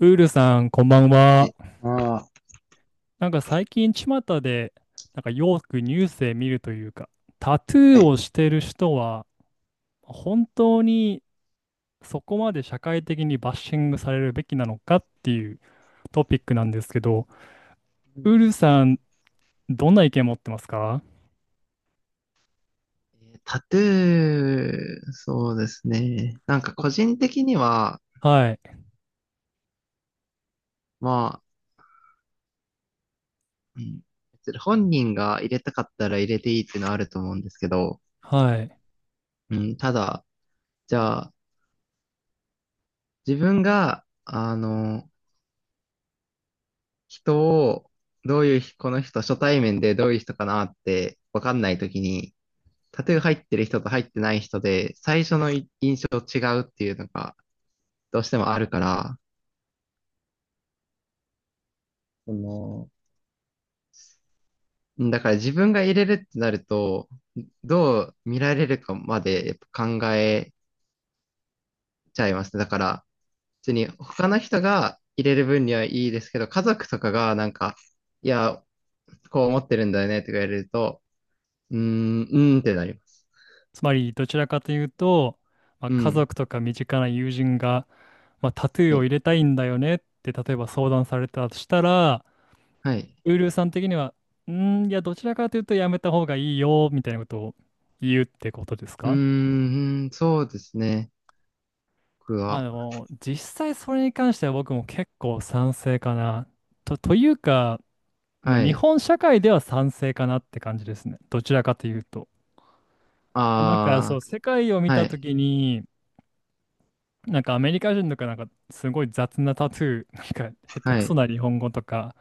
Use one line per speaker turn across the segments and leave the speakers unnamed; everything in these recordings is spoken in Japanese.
ウールさん、こんばん
は
は。
い。ああ、
なんか最近、巷で、なんかよくニュースで見るというか、タトゥ
は
ー
い。
をしてる人は、本当にそこまで社会的にバッシングされるべきなのかっていうトピックなんですけど、
う
ウ
ん、
ールさん、どんな意見持ってますか？
タトゥー、そうですね。なんか
お
個人的には、
はい、
まあ、うん、別に本人が入れたかったら入れていいっていうのはあると思うんですけど、
はい。
うん、ただ、じゃあ、自分が、人を、どういう、この人、初対面でどういう人かなって分かんないときに、タトゥー入ってる人と入ってない人で、最初のい印象違うっていうのが、どうしてもあるから、そのだから自分が入れるってなると、どう見られるかまでやっぱ考えちゃいますね。だから、普通に他の人が入れる分にはいいですけど、家族とかがなんか、いや、こう思ってるんだよねとか言われると、うーん、うーんってなります。
つまり、どちらかというと、まあ、
う
家
ん。
族とか身近な友人が、まあ、タトゥー
は
を
い。
入れたいんだよねって、例えば相談されたとしたら、
はい。
ウルーさん的には、いや、どちらかというとやめた方がいいよ、みたいなことを言うってことです
うー
か？
ん、そうですね。僕
まあ
は。
でも、実際それに関しては僕も結構賛成かな。というか、まあ、
は
日
い。
本社会では賛成かなって感じですね。どちらかというと。なんかそう、
あ
世界を
あ、
見
は
たと
い。
きに、なんかアメリカ人とかなんかすごい雑なタトゥー、なんか下手
は
くそ
い。
な日本語とか、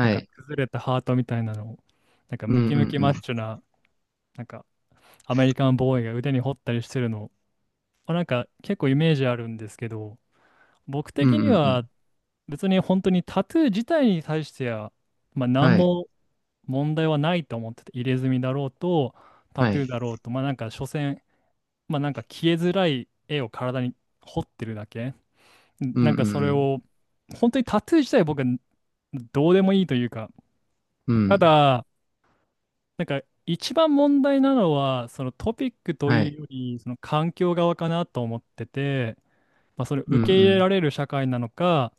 なんか
い。
崩れたハートみたいなのを、なんか
うんう
ムキム
ん
キマッ
うん。
チョな、なんかアメリカンボーイが腕に彫ったりしてるの、まあなんか結構イメージあるんですけど、僕
うん
的
う
に
んう
は
ん。
別に本当にタトゥー自体に対しては、まあ、何
はい。
も問題はないと思ってて、入れ墨だろうと、タ
は
トゥー
い。
だろうと、まあなんか所詮、まあなんか消えづらい絵を体に彫ってるだけ。
うん
なん
う
かそれ
ん
を、本当にタトゥー自体僕はどうでもいいというか、
うん。う
た
ん。
だ、なんか一番問題なのはそのトピックと
は
い
い。
うよりその環境側かなと思ってて、まあ、それを
う
受
んう
け入れら
ん。
れる社会なのか、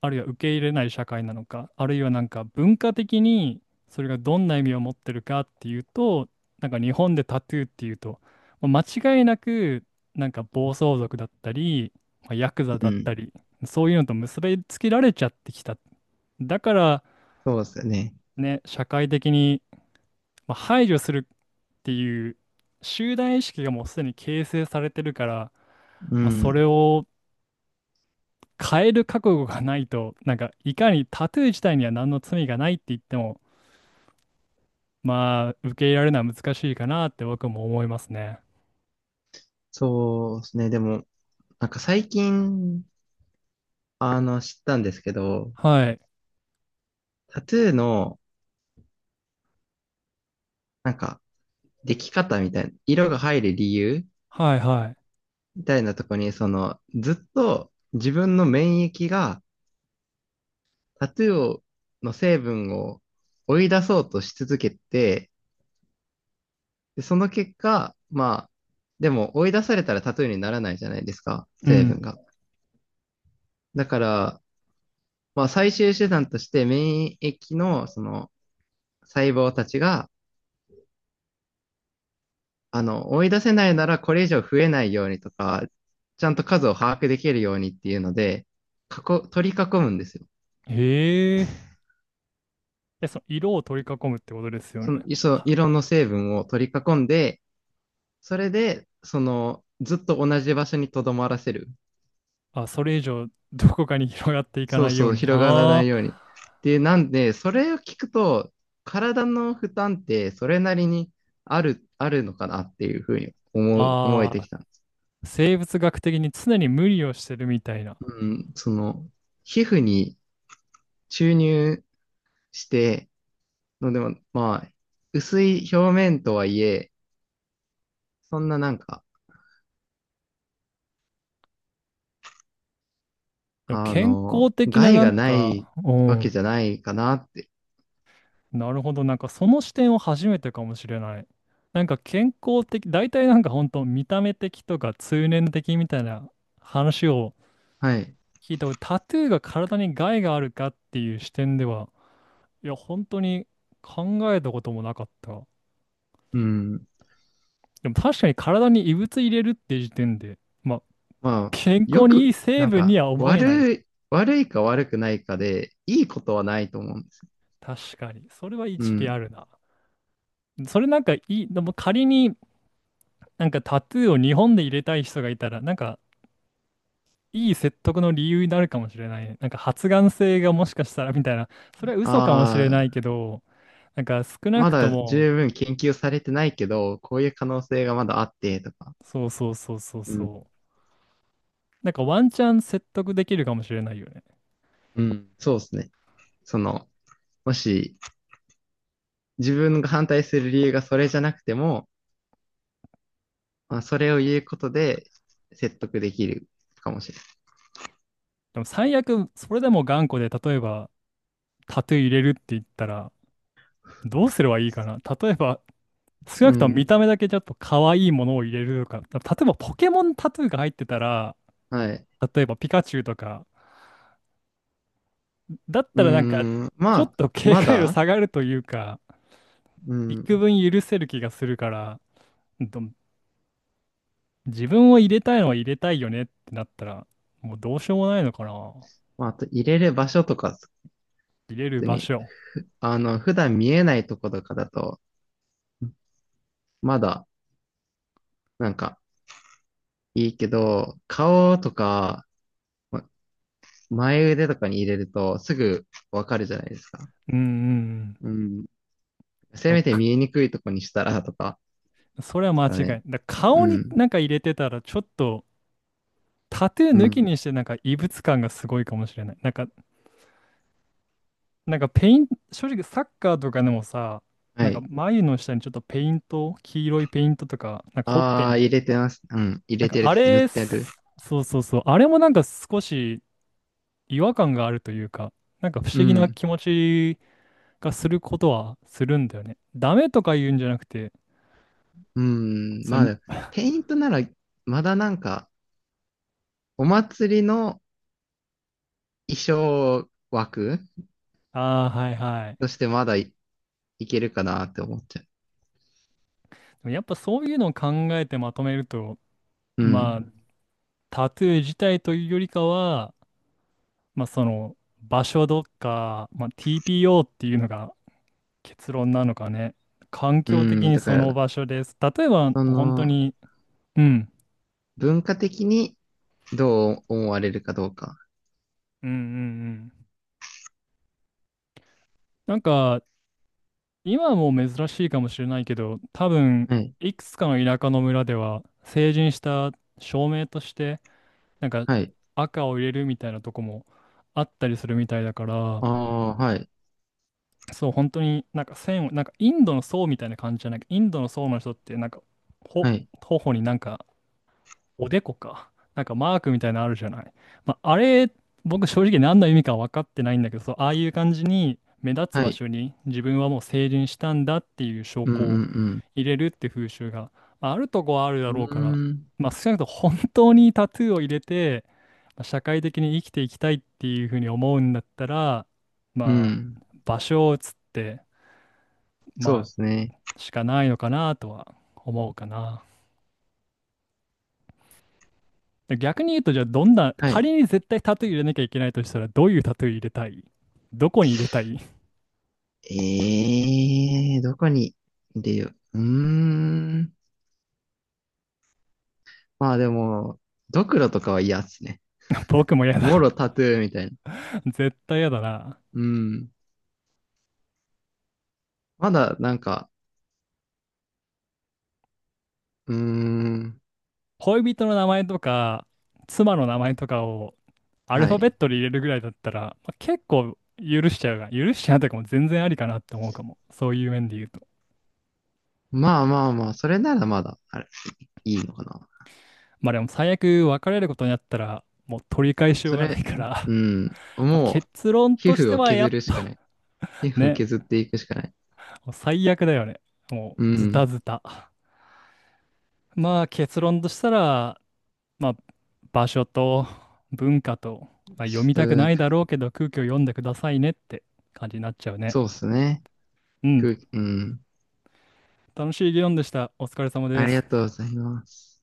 あるいは受け入れない社会なのか、あるいはなんか文化的にそれがどんな意味を持ってるかっていうと、なんか日本でタトゥーっていうと、まあ間違いなくなんか暴走族だったり、まあ、ヤクザ
う
だった
ん。
り、そういうのと結びつけられちゃってきた。だから
そうですよね。
ね、社会的にまあ、排除するっていう集団意識がもうすでに形成されてるから、
う
まあ、そ
ん。
れを変える覚悟がないと、なんかいかにタトゥー自体には何の罪がないって言っても、まあ受け入れられるのは難しいかなって僕も思いますね。
そうですね。でも、なんか最近、知ったんですけど、
はい。
タトゥーの、なんか、でき方みたいな、色が入る理由
はいはい。
みたいなとこに、ずっと自分の免疫がタトゥーをの成分を追い出そうとし続けて、で、その結果、まあ、でも追い出されたらタトゥーにならないじゃないですか、
う
成
ん。
分が。だから、まあ、最終手段として免疫の、細胞たちが、追い出せないならこれ以上増えないようにとか、ちゃんと数を把握できるようにっていうので、取り囲むんですよ。
へえ。え、その色を取り囲むってことですよね。
その色の成分を取り囲んで、それで、ずっと同じ場所に留まらせる。
あ、それ以上どこかに広がっていか
そ
な
う
いよう
そう、
にな。
広がらな
あ
いよう
ー
に。で、なんで、それを聞くと、体の負担ってそれなりにあるのかなっていうふうに思えて
あ
きたんです。
ー、生物学的に常に無理をしてるみたいな。
うん、皮膚に注入して、のでも、まあ、薄い表面とはいえ、そんななんか、
でも健康的な
害
なん
がない
か、う
わけ
ん、
じゃないかなって。
なるほど、なんかその視点を初めてかもしれない。なんか健康的、大体なんか本当見た目的とか通念的みたいな話を
はい。
聞いたこと、タトゥーが体に害があるかっていう視点では、いや、本当に考えたこともなかった。
うん。
でも確かに体に異物入れるって時点で、まあ、
まあ、
健
よ
康にいい
く、
成
なん
分に
か、
は思えない。
悪いか悪くないかで、いいことはないと思うんですよ。
確かに。それは
う
一理あ
ん。
るな。それなんかいい、でも仮になんかタトゥーを日本で入れたい人がいたら、なんかいい説得の理由になるかもしれないね。なんか発がん性がもしかしたらみたいな。それは嘘かもしれ
あ
ない
あ、
けど、なんか少な
ま
くと
だ
も、
十分研究されてないけど、こういう可能性がまだあって、とか。
そうそうそうそう
うん。
そう。なんかワンチャン説得できるかもしれないよね。
うん。そうですね。その、もし、自分が反対する理由がそれじゃなくても、まあ、それを言うことで説得できるかもしれない。
でも最悪、それでも頑固で、例えば、タトゥー入れるって言ったら、どうすればいいかな。例えば、少
う
なくとも
ん。
見た目だけちょっと可愛いものを入れるとか、例えばポケモンタトゥーが入ってたら、
はい。
例えばピカチュウとか、だっ
う
た
ー
らなんか、
ん。ま
ちょっ
あ、
と警
ま
戒度
だ、
下がるというか、
うん。
幾分許せる気がするから、ど自分を入れたいのは入れたいよねってなったら、もうどうしようもないのかな。
まあ、あと入れる場所とか、普
入れる
通
場
に、
所。
普段見えないとことかだと、まだ、なんか、いいけど、顔とか、ま前腕とかに入れると、すぐわかるじゃないですか。
うんうんうん。
うん。
で
せ
も
めて
か
見えにくいとこにしたら、とか、
それは
です
間違
か
いな
ね。
い。
う
顔に
ん。
なんか入れてたら、ちょっとタトゥー
う
抜き
ん。
にしてなんか異物感がすごいかもしれない。なんか、なんかペイン、正直サッカーとかでもさ、
は
なんか
い。
眉の下にちょっとペイント、黄色いペイントとか、なんかほっぺ
ああ、
に、
入れてます。うん。入
なん
れ
か
てる
あ
とか。塗っ
れ、
てる。
そうそうそう、あれもなんか少し違和感があるというか、なんか不
う
思議な
ん。
気持ちがすることはするんだよね。ダメとか言うんじゃなくて、
うん、
そう
ま
に、
あ、ペイントなら、まだなんか、お祭りの衣装枠
ああ、はいはい。
としてまだいけるかなって思っちゃ
やっぱそういうのを考えてまとめると、
う。う
まあ、
ん。
タトゥー自体というよりかは、まあ、その場所どっか、まあ、TPO っていうのが結論なのかね。環
う
境的
ん、
に
だ
そ
か
の
ら、
場所です。例えば、
そ
本当
の、
に、うん、
文化的にどう思われるかどうか。
うんうんうん。なんか、今はもう珍しいかもしれないけど、多分、
はい。
いくつかの田舎の村では、成人した証明として、なんか
はい。
赤を入れるみたいなとこもあったりするみたいだから、
ああ、はい。
そう、本当になんか線を、なんかインドの僧みたいな感じじゃない？インドの僧の人ってなんか、ほ、
はい。
頬になんか、おでこか、なんかマークみたいなのあるじゃない。まあ、あれ、僕正直何の意味か分かってないんだけど、そう、ああいう感じに目立つ
は
場
い。
所に自分はもう成人したんだっていう証
うんう
拠を
ん
入れるって風習が、まあ、あるとこはあるだ
うん。
ろ
う
うから、
ーん。
まあ、少なくとも本当にタトゥーを入れて、まあ社会的に生きていきたいっていうふうに思うんだったら、
う
ま
ん。
あ、場所を移って、ま
そうですね。
あ、しかないのかなとは思うかな。で逆に言うと、じゃあどんな、
はい。
仮に絶対タトゥー入れなきゃいけないとしたら、どういうタトゥー入れたい？どこに入れたい？
ええー、どこに出よう。うーん。まあでも、ドクロとかは嫌っすね。
僕も嫌
も
だ。
ろタトゥーみたいな。
絶対嫌だな。
うん。まだなんか、うーん。
恋人の名前とか、妻の名前とかをアル
は
ファベ
い。
ットで入れるぐらいだったら、まあ、結構許しちゃうが、許しちゃうとかも全然ありかなって思うかも。そういう面で言うと。
まあまあまあ、それならまだ、あれ、いいのかな。
まあでも最悪別れることになったら、もう取り返しよう
そ
がな
れ、
いから。
うん。
まあ
もう、
結論
皮
とし
膚
て
を
はや
削
っ
るしかな
ぱ、
い。皮 膚を
ね、
削っていくしかない。
もう最悪だよね。も
う
うズタ
ん。
ズタ。まあ結論としたら、まあ場所と文化と、まあ、読
ち
みたく
ょ
な
っ
い
と
だろうけど空気を読んでくださいねって感じになっちゃうね。
そうっすね。
うん。
うん。
楽しい議論でした。お疲れ様で
ありが
す。
とうございます。